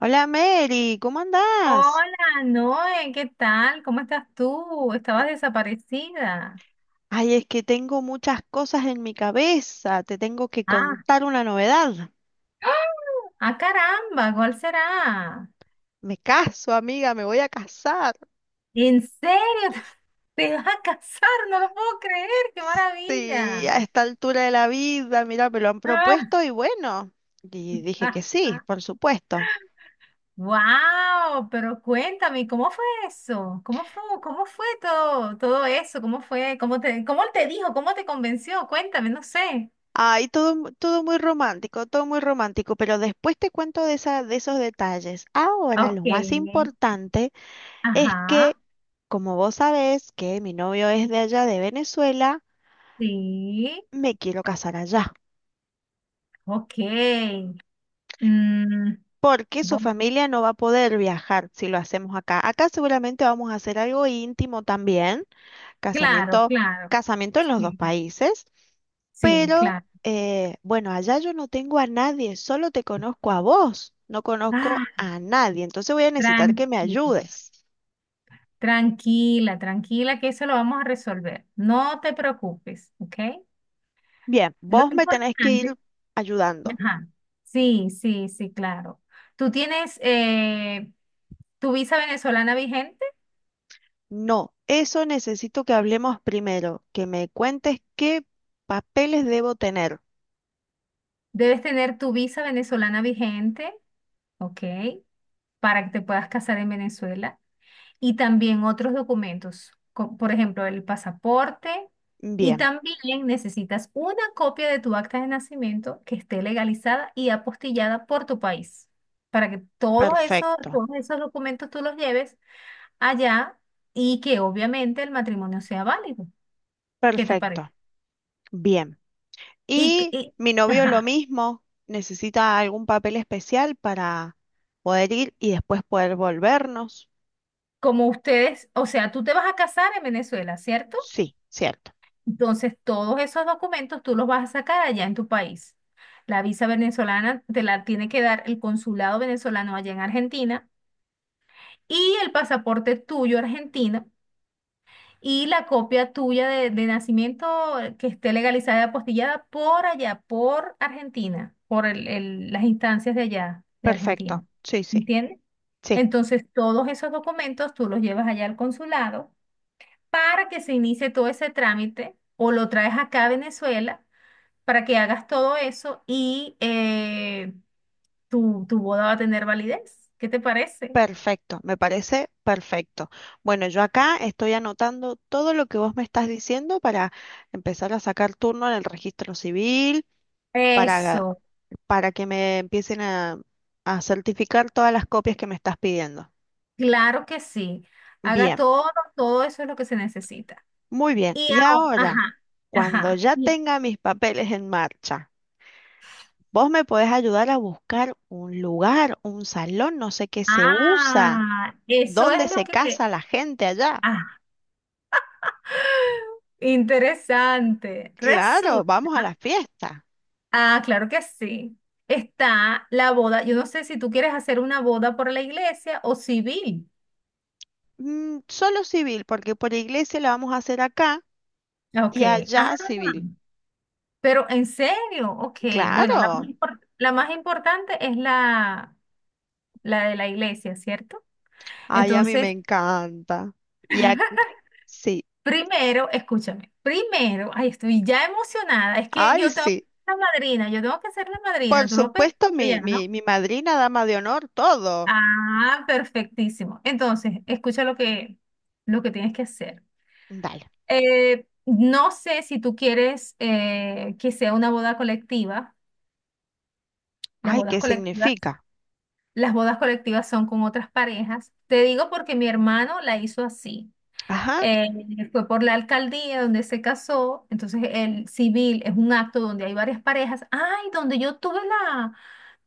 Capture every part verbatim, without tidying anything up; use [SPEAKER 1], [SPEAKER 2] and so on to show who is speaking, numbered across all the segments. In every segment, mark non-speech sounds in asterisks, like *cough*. [SPEAKER 1] Hola, Mary, ¿cómo andás?
[SPEAKER 2] Hola, Noé, ¿qué tal? ¿Cómo estás tú? Estabas desaparecida.
[SPEAKER 1] Ay, es que tengo muchas cosas en mi cabeza, te tengo que
[SPEAKER 2] Ah,
[SPEAKER 1] contar una novedad.
[SPEAKER 2] ah, caramba, ¿cuál será?
[SPEAKER 1] Me caso, amiga, me voy a casar.
[SPEAKER 2] ¿En serio? *laughs* ¿Te vas a casar? No lo puedo creer, qué
[SPEAKER 1] Sí,
[SPEAKER 2] maravilla.
[SPEAKER 1] a esta altura de la vida, mira, me lo han
[SPEAKER 2] Ah,
[SPEAKER 1] propuesto y bueno, y dije que sí, por
[SPEAKER 2] *laughs*
[SPEAKER 1] supuesto.
[SPEAKER 2] wow, pero cuéntame, ¿cómo fue eso? ¿Cómo fue, cómo fue todo, todo eso? ¿Cómo fue? ¿Cómo te, cómo él te dijo? ¿Cómo te convenció? Cuéntame, no sé.
[SPEAKER 1] Ay, todo, mu- todo muy romántico, todo muy romántico, pero después te cuento de esa, de esos detalles. Ahora,
[SPEAKER 2] Ok,
[SPEAKER 1] lo más importante es que,
[SPEAKER 2] ajá,
[SPEAKER 1] como vos sabés, que mi novio es de allá, de Venezuela,
[SPEAKER 2] sí,
[SPEAKER 1] me quiero casar allá,
[SPEAKER 2] ok. Mm,
[SPEAKER 1] porque su
[SPEAKER 2] voy-
[SPEAKER 1] familia no va a poder viajar si lo hacemos acá. Acá seguramente vamos a hacer algo íntimo también,
[SPEAKER 2] claro,
[SPEAKER 1] casamiento,
[SPEAKER 2] claro.
[SPEAKER 1] casamiento en los dos
[SPEAKER 2] Sí,
[SPEAKER 1] países,
[SPEAKER 2] sí,
[SPEAKER 1] pero
[SPEAKER 2] claro.
[SPEAKER 1] eh, bueno, allá yo no tengo a nadie, solo te conozco a vos, no conozco
[SPEAKER 2] Ah,
[SPEAKER 1] a nadie, entonces voy a necesitar que me
[SPEAKER 2] tranquila,
[SPEAKER 1] ayudes.
[SPEAKER 2] tranquila, tranquila, que eso lo vamos a resolver. No te preocupes, ¿ok?
[SPEAKER 1] Bien,
[SPEAKER 2] Lo
[SPEAKER 1] vos me tenés que ir
[SPEAKER 2] importante,
[SPEAKER 1] ayudando.
[SPEAKER 2] ajá, sí, sí, sí, claro. Tú tienes eh, tu visa venezolana vigente.
[SPEAKER 1] No, eso necesito que hablemos primero, que me cuentes qué papeles debo tener.
[SPEAKER 2] Debes tener tu visa venezolana vigente, ¿ok? Para que te puedas casar en Venezuela. Y también otros documentos, co- por ejemplo, el pasaporte, y
[SPEAKER 1] Bien.
[SPEAKER 2] también necesitas una copia de tu acta de nacimiento que esté legalizada y apostillada por tu país, para que todos esos,
[SPEAKER 1] Perfecto,
[SPEAKER 2] todos esos documentos tú los lleves allá y que obviamente el matrimonio sea válido. ¿Qué te parece?
[SPEAKER 1] perfecto. Bien.
[SPEAKER 2] Y, que-
[SPEAKER 1] Y
[SPEAKER 2] y-
[SPEAKER 1] mi novio lo
[SPEAKER 2] ajá,
[SPEAKER 1] mismo, necesita algún papel especial para poder ir y después poder volvernos.
[SPEAKER 2] como ustedes, o sea, tú te vas a casar en Venezuela, ¿cierto?
[SPEAKER 1] Sí, cierto.
[SPEAKER 2] Entonces, todos esos documentos tú los vas a sacar allá en tu país. La visa venezolana te la tiene que dar el consulado venezolano allá en Argentina, y el pasaporte tuyo argentino y la copia tuya de, de nacimiento, eh, que esté legalizada y apostillada por allá, por Argentina, por el- el- las instancias de allá, de Argentina.
[SPEAKER 1] Perfecto. Sí, sí,
[SPEAKER 2] ¿Entiendes?
[SPEAKER 1] sí.
[SPEAKER 2] Entonces, todos esos documentos tú los llevas allá al consulado para que se inicie todo ese trámite, o lo traes acá a Venezuela para que hagas todo eso, y eh, tu, tu boda va a tener validez. ¿Qué te parece?
[SPEAKER 1] Perfecto, me parece perfecto. Bueno, yo acá estoy anotando todo lo que vos me estás diciendo para empezar a sacar turno en el registro civil, para,
[SPEAKER 2] Eso,
[SPEAKER 1] para que me empiecen a, a certificar todas las copias que me estás pidiendo.
[SPEAKER 2] claro que sí. Haga
[SPEAKER 1] Bien.
[SPEAKER 2] todo, todo eso es lo que se necesita.
[SPEAKER 1] Muy bien,
[SPEAKER 2] Y
[SPEAKER 1] y
[SPEAKER 2] ahora,
[SPEAKER 1] ahora,
[SPEAKER 2] ajá,
[SPEAKER 1] cuando
[SPEAKER 2] ajá.
[SPEAKER 1] ya
[SPEAKER 2] Y,
[SPEAKER 1] tenga mis papeles en marcha, vos me podés ayudar a buscar un lugar, un salón, no sé qué se usa,
[SPEAKER 2] ah, eso es
[SPEAKER 1] dónde
[SPEAKER 2] lo
[SPEAKER 1] se
[SPEAKER 2] que,
[SPEAKER 1] casa la gente allá.
[SPEAKER 2] ah, interesante.
[SPEAKER 1] Claro,
[SPEAKER 2] Resulta,
[SPEAKER 1] vamos a la fiesta.
[SPEAKER 2] ah, claro que sí. Está la boda. Yo no sé si tú quieres hacer una boda por la iglesia o civil.
[SPEAKER 1] Mm, solo civil, porque por iglesia la vamos a hacer acá
[SPEAKER 2] Ok,
[SPEAKER 1] y allá
[SPEAKER 2] ajá.
[SPEAKER 1] civil.
[SPEAKER 2] Pero en serio, ok. Bueno, la más,
[SPEAKER 1] Claro,
[SPEAKER 2] impor- la más importante es la, la de la iglesia, ¿cierto?
[SPEAKER 1] ay, a mí me
[SPEAKER 2] Entonces,
[SPEAKER 1] encanta. Y ac- sí,
[SPEAKER 2] primero, escúchame, primero, ay, estoy ya emocionada, es que
[SPEAKER 1] ay,
[SPEAKER 2] yo tengo que
[SPEAKER 1] sí.
[SPEAKER 2] ser la madrina, yo tengo que ser la
[SPEAKER 1] Por
[SPEAKER 2] madrina, tú lo pensaste
[SPEAKER 1] supuesto, mi,
[SPEAKER 2] ya,
[SPEAKER 1] mi,
[SPEAKER 2] ¿no?
[SPEAKER 1] mi madrina, dama de honor, todo.
[SPEAKER 2] Ah, perfectísimo. Entonces, escucha lo que, lo que tienes que hacer.
[SPEAKER 1] Dale.
[SPEAKER 2] Eh, no sé si tú quieres eh, que sea una boda colectiva, las
[SPEAKER 1] Ay,
[SPEAKER 2] bodas
[SPEAKER 1] ¿qué
[SPEAKER 2] colectivas.
[SPEAKER 1] significa?
[SPEAKER 2] Las bodas colectivas son con otras parejas. Te digo porque mi hermano la hizo así.
[SPEAKER 1] Ajá,
[SPEAKER 2] Eh, Fue por la alcaldía donde se casó. Entonces, el civil es un acto donde hay varias parejas. Ay, donde yo tuve la...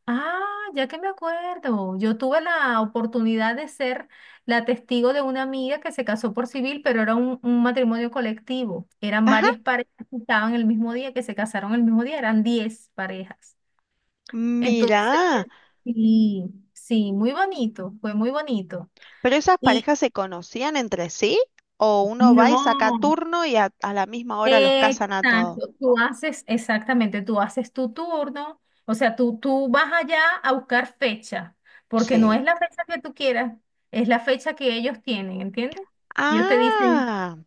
[SPEAKER 2] ah, ya que me acuerdo. Yo tuve la oportunidad de ser la testigo de una amiga que se casó por civil, pero era un, un matrimonio colectivo. Eran
[SPEAKER 1] ajá,
[SPEAKER 2] varias parejas que estaban el mismo día, que se casaron el mismo día. Eran diez parejas. Entonces,
[SPEAKER 1] mira,
[SPEAKER 2] sí, sí, muy bonito, fue muy bonito.
[SPEAKER 1] pero esas
[SPEAKER 2] Y
[SPEAKER 1] parejas se conocían entre sí o uno va y saca
[SPEAKER 2] no,
[SPEAKER 1] turno y a, a la misma hora los casan a todos.
[SPEAKER 2] exacto, tú haces, exactamente, tú haces tu turno. O sea, tú, tú vas allá a buscar fecha, porque no es
[SPEAKER 1] Sí.
[SPEAKER 2] la fecha que tú quieras, es la fecha que ellos tienen, ¿entiendes? Ellos te dicen,
[SPEAKER 1] Ah,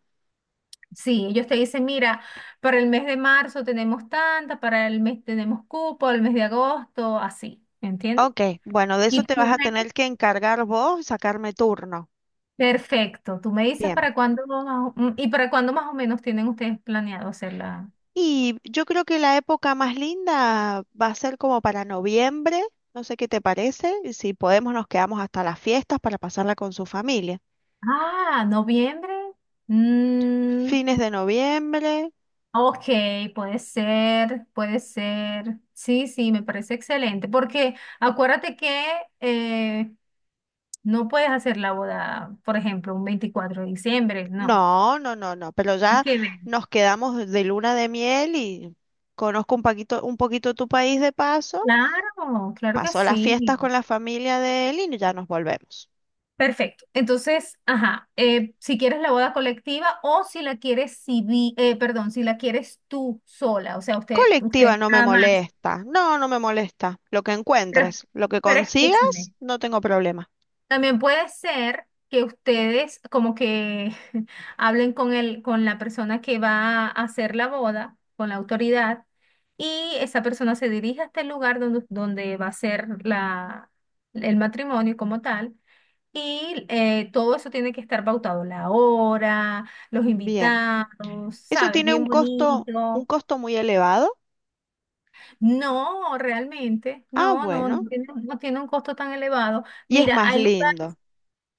[SPEAKER 2] sí, ellos te dicen, mira, para el mes de marzo tenemos tanta, para el mes tenemos cupo, el mes de agosto, así, ¿entiendes?
[SPEAKER 1] ok, bueno, de eso
[SPEAKER 2] Y
[SPEAKER 1] te vas
[SPEAKER 2] tú
[SPEAKER 1] a tener que encargar vos, sacarme turno.
[SPEAKER 2] Perfecto. Tú me dices
[SPEAKER 1] Bien.
[SPEAKER 2] para cuándo más o- mm, y para cuándo más o menos tienen ustedes planeado hacerla.
[SPEAKER 1] Y yo creo que la época más linda va a ser como para noviembre, no sé qué te parece, y si podemos nos quedamos hasta las fiestas para pasarla con su familia.
[SPEAKER 2] Ah, noviembre. Mm,
[SPEAKER 1] Fines de noviembre.
[SPEAKER 2] ok, puede ser, puede ser. Sí, sí, me parece excelente. Porque acuérdate que eh, no puedes hacer la boda, por ejemplo, un veinticuatro de diciembre, no.
[SPEAKER 1] No, no, no, no, pero
[SPEAKER 2] ¿A
[SPEAKER 1] ya
[SPEAKER 2] qué ver?
[SPEAKER 1] nos quedamos de luna de miel y conozco un poquito, un poquito tu país de paso,
[SPEAKER 2] Claro, claro que
[SPEAKER 1] paso las
[SPEAKER 2] sí.
[SPEAKER 1] fiestas con la familia de él y ya nos volvemos.
[SPEAKER 2] Perfecto. Entonces, ajá, eh, si quieres la boda colectiva o si la quieres civi- eh, perdón, si la quieres tú sola, o sea, usted, usted
[SPEAKER 1] Colectiva no me
[SPEAKER 2] nada más.
[SPEAKER 1] molesta, no, no me molesta. Lo que
[SPEAKER 2] Pero,
[SPEAKER 1] encuentres, lo que
[SPEAKER 2] pero
[SPEAKER 1] consigas,
[SPEAKER 2] escúchame.
[SPEAKER 1] no tengo problema.
[SPEAKER 2] También puede ser que ustedes como que *laughs* hablen con el, con la persona que va a hacer la boda, con la autoridad, y esa persona se dirige hasta el lugar donde, donde va a ser la, el matrimonio como tal. Y eh, todo eso tiene que estar pautado, la hora, los
[SPEAKER 1] Bien,
[SPEAKER 2] invitados,
[SPEAKER 1] ¿eso
[SPEAKER 2] ¿sabes?
[SPEAKER 1] tiene
[SPEAKER 2] Bien
[SPEAKER 1] un costo, un
[SPEAKER 2] bonito.
[SPEAKER 1] costo muy elevado?
[SPEAKER 2] No, realmente,
[SPEAKER 1] Ah,
[SPEAKER 2] no, no,
[SPEAKER 1] bueno,
[SPEAKER 2] no tiene, no tiene un costo tan elevado.
[SPEAKER 1] y es
[SPEAKER 2] Mira,
[SPEAKER 1] más
[SPEAKER 2] hay lugar,
[SPEAKER 1] lindo.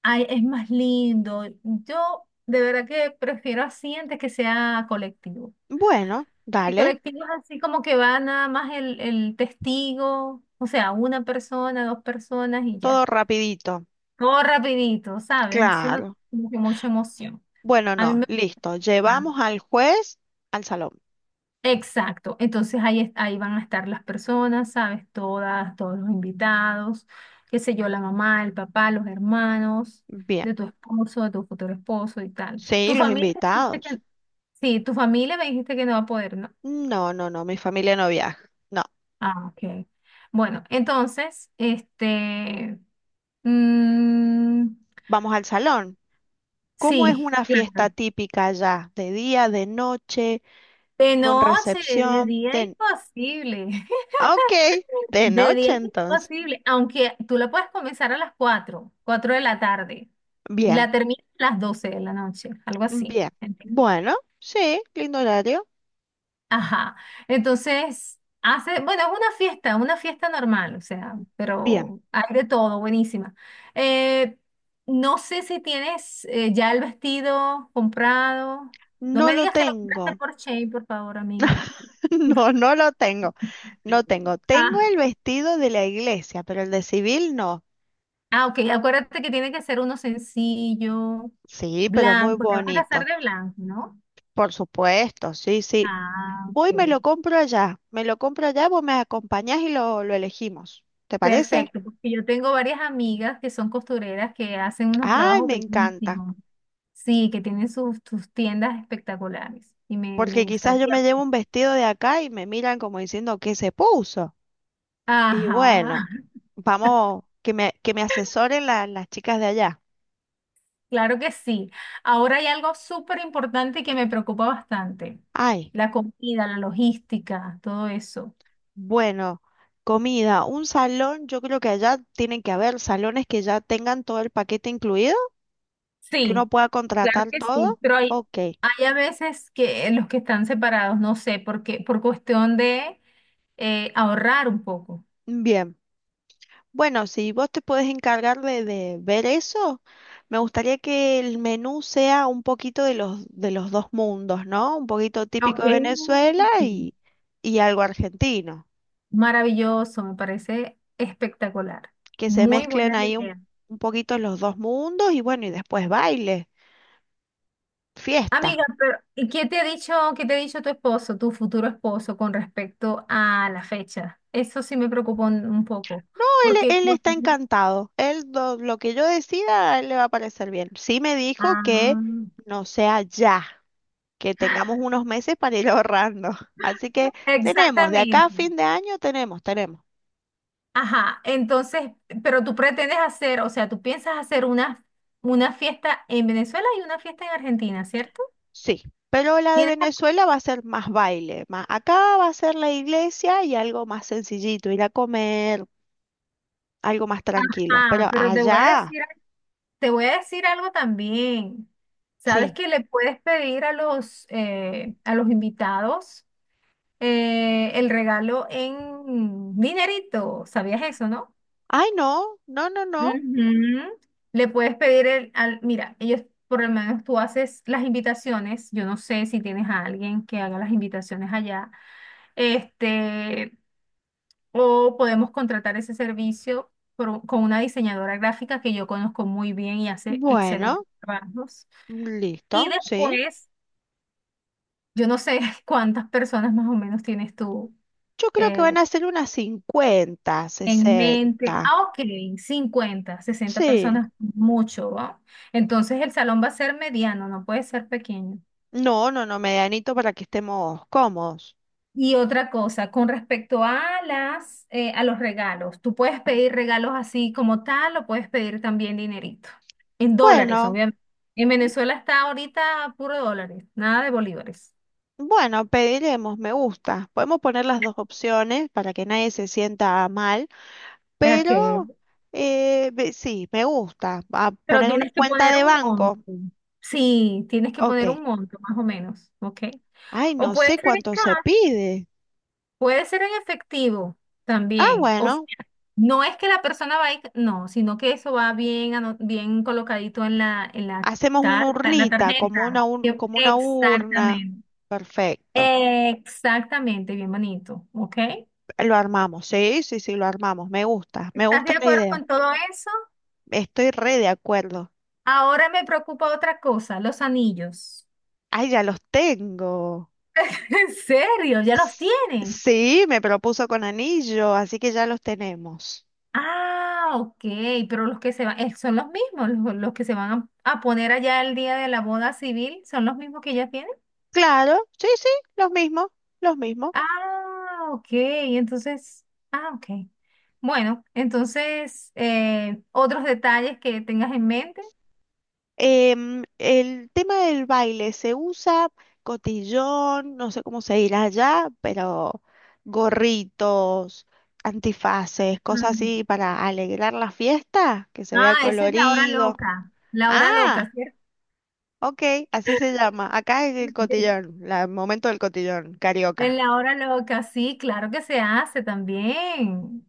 [SPEAKER 2] hay- es más lindo. Yo de verdad que prefiero así antes que sea colectivo.
[SPEAKER 1] Bueno,
[SPEAKER 2] Y
[SPEAKER 1] dale,
[SPEAKER 2] colectivo es así como que va nada más el, el testigo, o sea, una persona, dos personas y ya.
[SPEAKER 1] todo rapidito.
[SPEAKER 2] Todo rapidito, ¿sabes? Entonces no
[SPEAKER 1] Claro.
[SPEAKER 2] tiene como que mucha emoción.
[SPEAKER 1] Bueno,
[SPEAKER 2] A mí
[SPEAKER 1] no,
[SPEAKER 2] me
[SPEAKER 1] listo.
[SPEAKER 2] gusta.
[SPEAKER 1] Llevamos al juez al salón.
[SPEAKER 2] Exacto, entonces ahí, es- ahí van a estar las personas, ¿sabes? Todas, todos los invitados, qué sé yo, la mamá, el papá, los hermanos
[SPEAKER 1] Bien.
[SPEAKER 2] de tu esposo, de tu futuro esposo y tal.
[SPEAKER 1] Sí,
[SPEAKER 2] Tu
[SPEAKER 1] los
[SPEAKER 2] familia me dijiste
[SPEAKER 1] invitados.
[SPEAKER 2] que, Sí, tu familia me dijiste que no va a poder, ¿no?
[SPEAKER 1] No, no, no, mi familia no viaja. No,
[SPEAKER 2] Ah, ok. Bueno, entonces, este, mm,
[SPEAKER 1] vamos al salón. ¿Cómo es
[SPEAKER 2] sí,
[SPEAKER 1] una fiesta
[SPEAKER 2] claro.
[SPEAKER 1] típica allá? ¿De día, de noche,
[SPEAKER 2] De
[SPEAKER 1] con
[SPEAKER 2] noche, de
[SPEAKER 1] recepción?
[SPEAKER 2] día
[SPEAKER 1] De...
[SPEAKER 2] imposible.
[SPEAKER 1] Ok, de
[SPEAKER 2] De
[SPEAKER 1] noche
[SPEAKER 2] diez es
[SPEAKER 1] entonces.
[SPEAKER 2] posible, aunque tú la puedes comenzar a las cuatro cuatro de la tarde, y
[SPEAKER 1] Bien,
[SPEAKER 2] la terminas a las doce de la noche, algo así.
[SPEAKER 1] bien.
[SPEAKER 2] ¿Entiendes?
[SPEAKER 1] Bueno, sí, lindo horario.
[SPEAKER 2] Ajá. Entonces, hace, bueno, es una fiesta, una fiesta normal, o sea,
[SPEAKER 1] Bien.
[SPEAKER 2] pero hay de todo, buenísima. Eh, no sé si tienes eh, ya el vestido comprado. No
[SPEAKER 1] No
[SPEAKER 2] me
[SPEAKER 1] lo
[SPEAKER 2] digas que lo compraste
[SPEAKER 1] tengo.
[SPEAKER 2] por Shein, por favor, amiga.
[SPEAKER 1] *laughs* No, no lo tengo. No tengo. Tengo
[SPEAKER 2] Ah.
[SPEAKER 1] el vestido de la iglesia, pero el de civil no.
[SPEAKER 2] Ah, ok, acuérdate que tiene que ser uno sencillo,
[SPEAKER 1] Sí, pero muy
[SPEAKER 2] blanco, te vas a casar
[SPEAKER 1] bonito.
[SPEAKER 2] de blanco, ¿no?
[SPEAKER 1] Por supuesto, sí, sí.
[SPEAKER 2] Ah,
[SPEAKER 1] Voy, me lo
[SPEAKER 2] ok.
[SPEAKER 1] compro allá. Me lo compro allá, vos me acompañás y lo, lo elegimos. ¿Te parece?
[SPEAKER 2] Perfecto, porque yo tengo varias amigas que son costureras que hacen unos
[SPEAKER 1] Ay,
[SPEAKER 2] trabajos
[SPEAKER 1] me encanta.
[SPEAKER 2] bellísimos. Sí, que tienen sus, sus tiendas espectaculares y me, me
[SPEAKER 1] Porque quizás yo
[SPEAKER 2] gustaría,
[SPEAKER 1] me llevo
[SPEAKER 2] pues.
[SPEAKER 1] un vestido de acá y me miran como diciendo qué se puso. Y
[SPEAKER 2] Ajá,
[SPEAKER 1] bueno,
[SPEAKER 2] *laughs*
[SPEAKER 1] vamos, que me, que me asesoren la- las chicas de allá.
[SPEAKER 2] claro que sí. Ahora hay algo súper importante que me preocupa bastante,
[SPEAKER 1] Ay,
[SPEAKER 2] la comida, la logística, todo eso.
[SPEAKER 1] bueno, comida, un salón, yo creo que allá tienen que haber salones que ya tengan todo el paquete incluido, que uno
[SPEAKER 2] Sí,
[SPEAKER 1] pueda
[SPEAKER 2] claro
[SPEAKER 1] contratar
[SPEAKER 2] que sí,
[SPEAKER 1] todo.
[SPEAKER 2] pero hay,
[SPEAKER 1] Ok.
[SPEAKER 2] hay a veces que los que están separados, no sé, porque por cuestión de eh, ahorrar un poco.
[SPEAKER 1] Bien, bueno, si vos te puedes encargar de, de ver eso, me gustaría que el menú sea un poquito de los, de los dos mundos, ¿no? Un poquito típico
[SPEAKER 2] Ok.
[SPEAKER 1] de Venezuela
[SPEAKER 2] Sí.
[SPEAKER 1] y, y algo argentino,
[SPEAKER 2] Maravilloso, me parece espectacular.
[SPEAKER 1] que se
[SPEAKER 2] Muy
[SPEAKER 1] mezclen
[SPEAKER 2] buena
[SPEAKER 1] ahí un,
[SPEAKER 2] idea.
[SPEAKER 1] un poquito los dos mundos y bueno, y después baile, fiesta.
[SPEAKER 2] Amiga, pero ¿y qué te ha dicho, qué te ha dicho tu esposo, tu futuro esposo, con respecto a la fecha? Eso sí me preocupa un, un poco,
[SPEAKER 1] No, él,
[SPEAKER 2] porque...
[SPEAKER 1] él está encantado, él do- lo que yo decida, a él le va a parecer bien. Sí me dijo que
[SPEAKER 2] Ah,
[SPEAKER 1] no sea ya, que tengamos unos meses para ir *laughs* ahorrando. Así que tenemos, de acá a
[SPEAKER 2] exactamente.
[SPEAKER 1] fin de año tenemos, tenemos.
[SPEAKER 2] Ajá, entonces, pero tú pretendes hacer, o sea, tú piensas hacer una, una fiesta en Venezuela y una fiesta en Argentina, ¿cierto?
[SPEAKER 1] Sí, pero la de
[SPEAKER 2] Tienes-
[SPEAKER 1] Venezuela va a ser más baile, más acá va a ser la iglesia y algo más sencillito, ir a comer, algo más tranquilo.
[SPEAKER 2] Ah,
[SPEAKER 1] Pero
[SPEAKER 2] pero te voy a
[SPEAKER 1] allá,
[SPEAKER 2] decir, te voy a decir algo también. Sabes
[SPEAKER 1] sí.
[SPEAKER 2] que le puedes pedir a los, eh, a los invitados, eh, el regalo en dinerito. ¿Sabías eso, no?
[SPEAKER 1] Ay, no, no, no, no.
[SPEAKER 2] Ujú. Le puedes pedir el, al, mira, ellos, por lo menos tú haces las invitaciones, yo no sé si tienes a alguien que haga las invitaciones allá, este, o podemos contratar ese servicio por con una diseñadora gráfica que yo conozco muy bien y hace
[SPEAKER 1] Bueno,
[SPEAKER 2] excelentes trabajos. Y
[SPEAKER 1] listo, sí.
[SPEAKER 2] después, yo no sé *laughs* cuántas personas más o menos tienes tú
[SPEAKER 1] Yo creo que van
[SPEAKER 2] eh,
[SPEAKER 1] a ser unas cincuenta
[SPEAKER 2] en mente,
[SPEAKER 1] sesenta
[SPEAKER 2] ah, ok, cincuenta sesenta
[SPEAKER 1] Sí.
[SPEAKER 2] personas, mucho, ¿va? Entonces el salón va a ser mediano, no puede ser pequeño.
[SPEAKER 1] No, no, no, medianito para que estemos cómodos.
[SPEAKER 2] Y otra cosa, con respecto a las, eh, a los regalos, tú puedes pedir regalos así como tal o puedes pedir también dinerito, en dólares,
[SPEAKER 1] Bueno.
[SPEAKER 2] obviamente. En Venezuela está ahorita puro dólares, nada de bolívares.
[SPEAKER 1] Bueno, pediremos, me gusta. Podemos poner las dos opciones para que nadie se sienta mal,
[SPEAKER 2] Ok,
[SPEAKER 1] pero eh, ve- sí, me gusta. A
[SPEAKER 2] pero
[SPEAKER 1] poner una
[SPEAKER 2] tienes que
[SPEAKER 1] cuenta
[SPEAKER 2] poner
[SPEAKER 1] de
[SPEAKER 2] un
[SPEAKER 1] banco.
[SPEAKER 2] monto. Sí, tienes que
[SPEAKER 1] Ok.
[SPEAKER 2] poner un monto, más o menos, ¿ok?
[SPEAKER 1] Ay,
[SPEAKER 2] O
[SPEAKER 1] no
[SPEAKER 2] puede
[SPEAKER 1] sé
[SPEAKER 2] ser en
[SPEAKER 1] cuánto se
[SPEAKER 2] cash,
[SPEAKER 1] pide.
[SPEAKER 2] puede ser en efectivo
[SPEAKER 1] Ah,
[SPEAKER 2] también. O sea,
[SPEAKER 1] bueno,
[SPEAKER 2] no es que la persona va a ir, no, sino que eso va bien, ano- bien colocadito en la, en la
[SPEAKER 1] hacemos una
[SPEAKER 2] carta, en la
[SPEAKER 1] urnita, como
[SPEAKER 2] tarjeta.
[SPEAKER 1] una, ur-
[SPEAKER 2] Que-
[SPEAKER 1] como una urna.
[SPEAKER 2] Exactamente.
[SPEAKER 1] Perfecto.
[SPEAKER 2] Exactamente, bien bonito. ¿Ok?
[SPEAKER 1] Lo armamos. Sí, sí, sí, lo armamos. Me gusta, me
[SPEAKER 2] ¿Estás de
[SPEAKER 1] gusta la
[SPEAKER 2] acuerdo
[SPEAKER 1] idea.
[SPEAKER 2] con todo eso?
[SPEAKER 1] Estoy re de acuerdo.
[SPEAKER 2] Ahora me preocupa otra cosa, los anillos.
[SPEAKER 1] Ay, ya los tengo.
[SPEAKER 2] *laughs* ¿En serio? ¿Ya los tienes?
[SPEAKER 1] Sí, me propuso con anillo, así que ya los tenemos.
[SPEAKER 2] Ah, ok, pero los que se van, eh, son los mismos, los, los que se van a, a poner allá el día de la boda civil, son los mismos que ya tienen.
[SPEAKER 1] Claro, sí, sí, los mismos, los mismos.
[SPEAKER 2] Ah, ok, entonces, ah, ok. Bueno, entonces, eh, otros detalles que tengas en mente.
[SPEAKER 1] Em, el tema del baile, se usa cotillón, no sé cómo se dirá allá, pero gorritos, antifaces, cosas
[SPEAKER 2] Mm.
[SPEAKER 1] así para alegrar la fiesta, que se vea
[SPEAKER 2] Ah, esa es la hora
[SPEAKER 1] colorido.
[SPEAKER 2] loca, la hora
[SPEAKER 1] Ah,
[SPEAKER 2] loca, ¿cierto?
[SPEAKER 1] ok, así se llama. Acá es el
[SPEAKER 2] *laughs*
[SPEAKER 1] cotillón, la- el momento del cotillón,
[SPEAKER 2] En
[SPEAKER 1] carioca.
[SPEAKER 2] la hora loca, sí, claro que se hace también.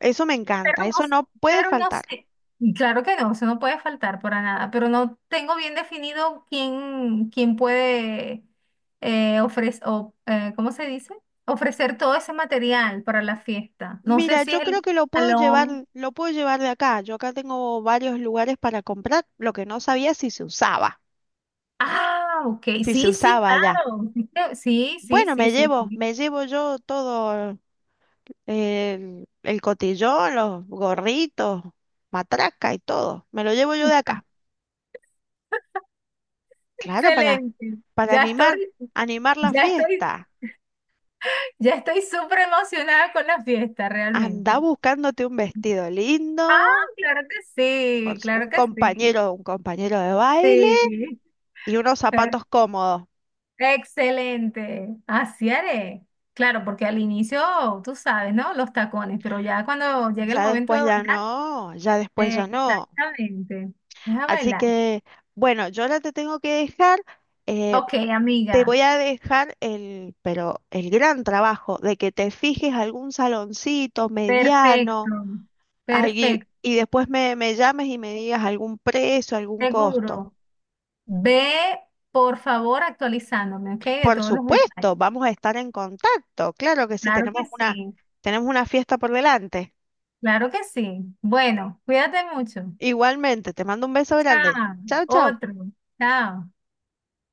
[SPEAKER 1] Eso me
[SPEAKER 2] Pero
[SPEAKER 1] encanta,
[SPEAKER 2] no,
[SPEAKER 1] eso no puede
[SPEAKER 2] pero no
[SPEAKER 1] faltar.
[SPEAKER 2] sé. Claro que no, eso no puede faltar para nada, pero no tengo bien definido quién, quién puede eh, ofrecer, o, eh, ¿cómo se dice? Ofrecer todo ese material para la fiesta. No sé
[SPEAKER 1] Mira,
[SPEAKER 2] si es
[SPEAKER 1] yo creo
[SPEAKER 2] el
[SPEAKER 1] que lo puedo llevar,
[SPEAKER 2] salón.
[SPEAKER 1] lo puedo llevar de acá. Yo acá tengo varios lugares para comprar, lo que no sabía si se usaba,
[SPEAKER 2] Ah, ok.
[SPEAKER 1] si se
[SPEAKER 2] Sí, sí,
[SPEAKER 1] usaba allá.
[SPEAKER 2] claro. Sí, sí,
[SPEAKER 1] Bueno,
[SPEAKER 2] sí,
[SPEAKER 1] me
[SPEAKER 2] sí,
[SPEAKER 1] llevo,
[SPEAKER 2] sí.
[SPEAKER 1] me llevo yo todo el, el cotillón, los gorritos, matraca y todo. Me lo llevo yo de acá. Claro, para,
[SPEAKER 2] Excelente.
[SPEAKER 1] para
[SPEAKER 2] Ya
[SPEAKER 1] animar,
[SPEAKER 2] estoy,
[SPEAKER 1] animar la
[SPEAKER 2] ya estoy,
[SPEAKER 1] fiesta.
[SPEAKER 2] ya estoy súper emocionada con la fiesta,
[SPEAKER 1] Anda
[SPEAKER 2] realmente.
[SPEAKER 1] buscándote un vestido
[SPEAKER 2] Ah,
[SPEAKER 1] lindo,
[SPEAKER 2] claro que sí,
[SPEAKER 1] pues,
[SPEAKER 2] claro
[SPEAKER 1] un
[SPEAKER 2] que sí.
[SPEAKER 1] compañero, un compañero de baile
[SPEAKER 2] Sí,
[SPEAKER 1] y unos
[SPEAKER 2] eh,
[SPEAKER 1] zapatos cómodos.
[SPEAKER 2] excelente. Así haré. Claro, porque al inicio, tú sabes, ¿no? Los tacones, pero ya cuando llegue el
[SPEAKER 1] Ya
[SPEAKER 2] momento de
[SPEAKER 1] después ya
[SPEAKER 2] bailar,
[SPEAKER 1] no, ya después ya no.
[SPEAKER 2] exactamente. Deja
[SPEAKER 1] Así
[SPEAKER 2] bailar.
[SPEAKER 1] que, bueno, yo ahora te tengo que dejar, eh,
[SPEAKER 2] Ok,
[SPEAKER 1] te
[SPEAKER 2] amiga.
[SPEAKER 1] voy a dejar el, pero el gran trabajo de que te fijes algún saloncito
[SPEAKER 2] Perfecto.
[SPEAKER 1] mediano, algui-
[SPEAKER 2] Perfecto.
[SPEAKER 1] y después me, me llames y me digas algún precio, algún costo.
[SPEAKER 2] Seguro. Ve, por favor, actualizándome, ¿ok? De
[SPEAKER 1] Por
[SPEAKER 2] todos los detalles.
[SPEAKER 1] supuesto, vamos a estar en contacto. Claro que sí,
[SPEAKER 2] Claro
[SPEAKER 1] tenemos
[SPEAKER 2] que
[SPEAKER 1] una,
[SPEAKER 2] sí.
[SPEAKER 1] tenemos una fiesta por delante.
[SPEAKER 2] Claro que sí. Bueno, cuídate mucho.
[SPEAKER 1] Igualmente, te mando un beso grande.
[SPEAKER 2] Chao.
[SPEAKER 1] Chao, chao.
[SPEAKER 2] Otro. Chao.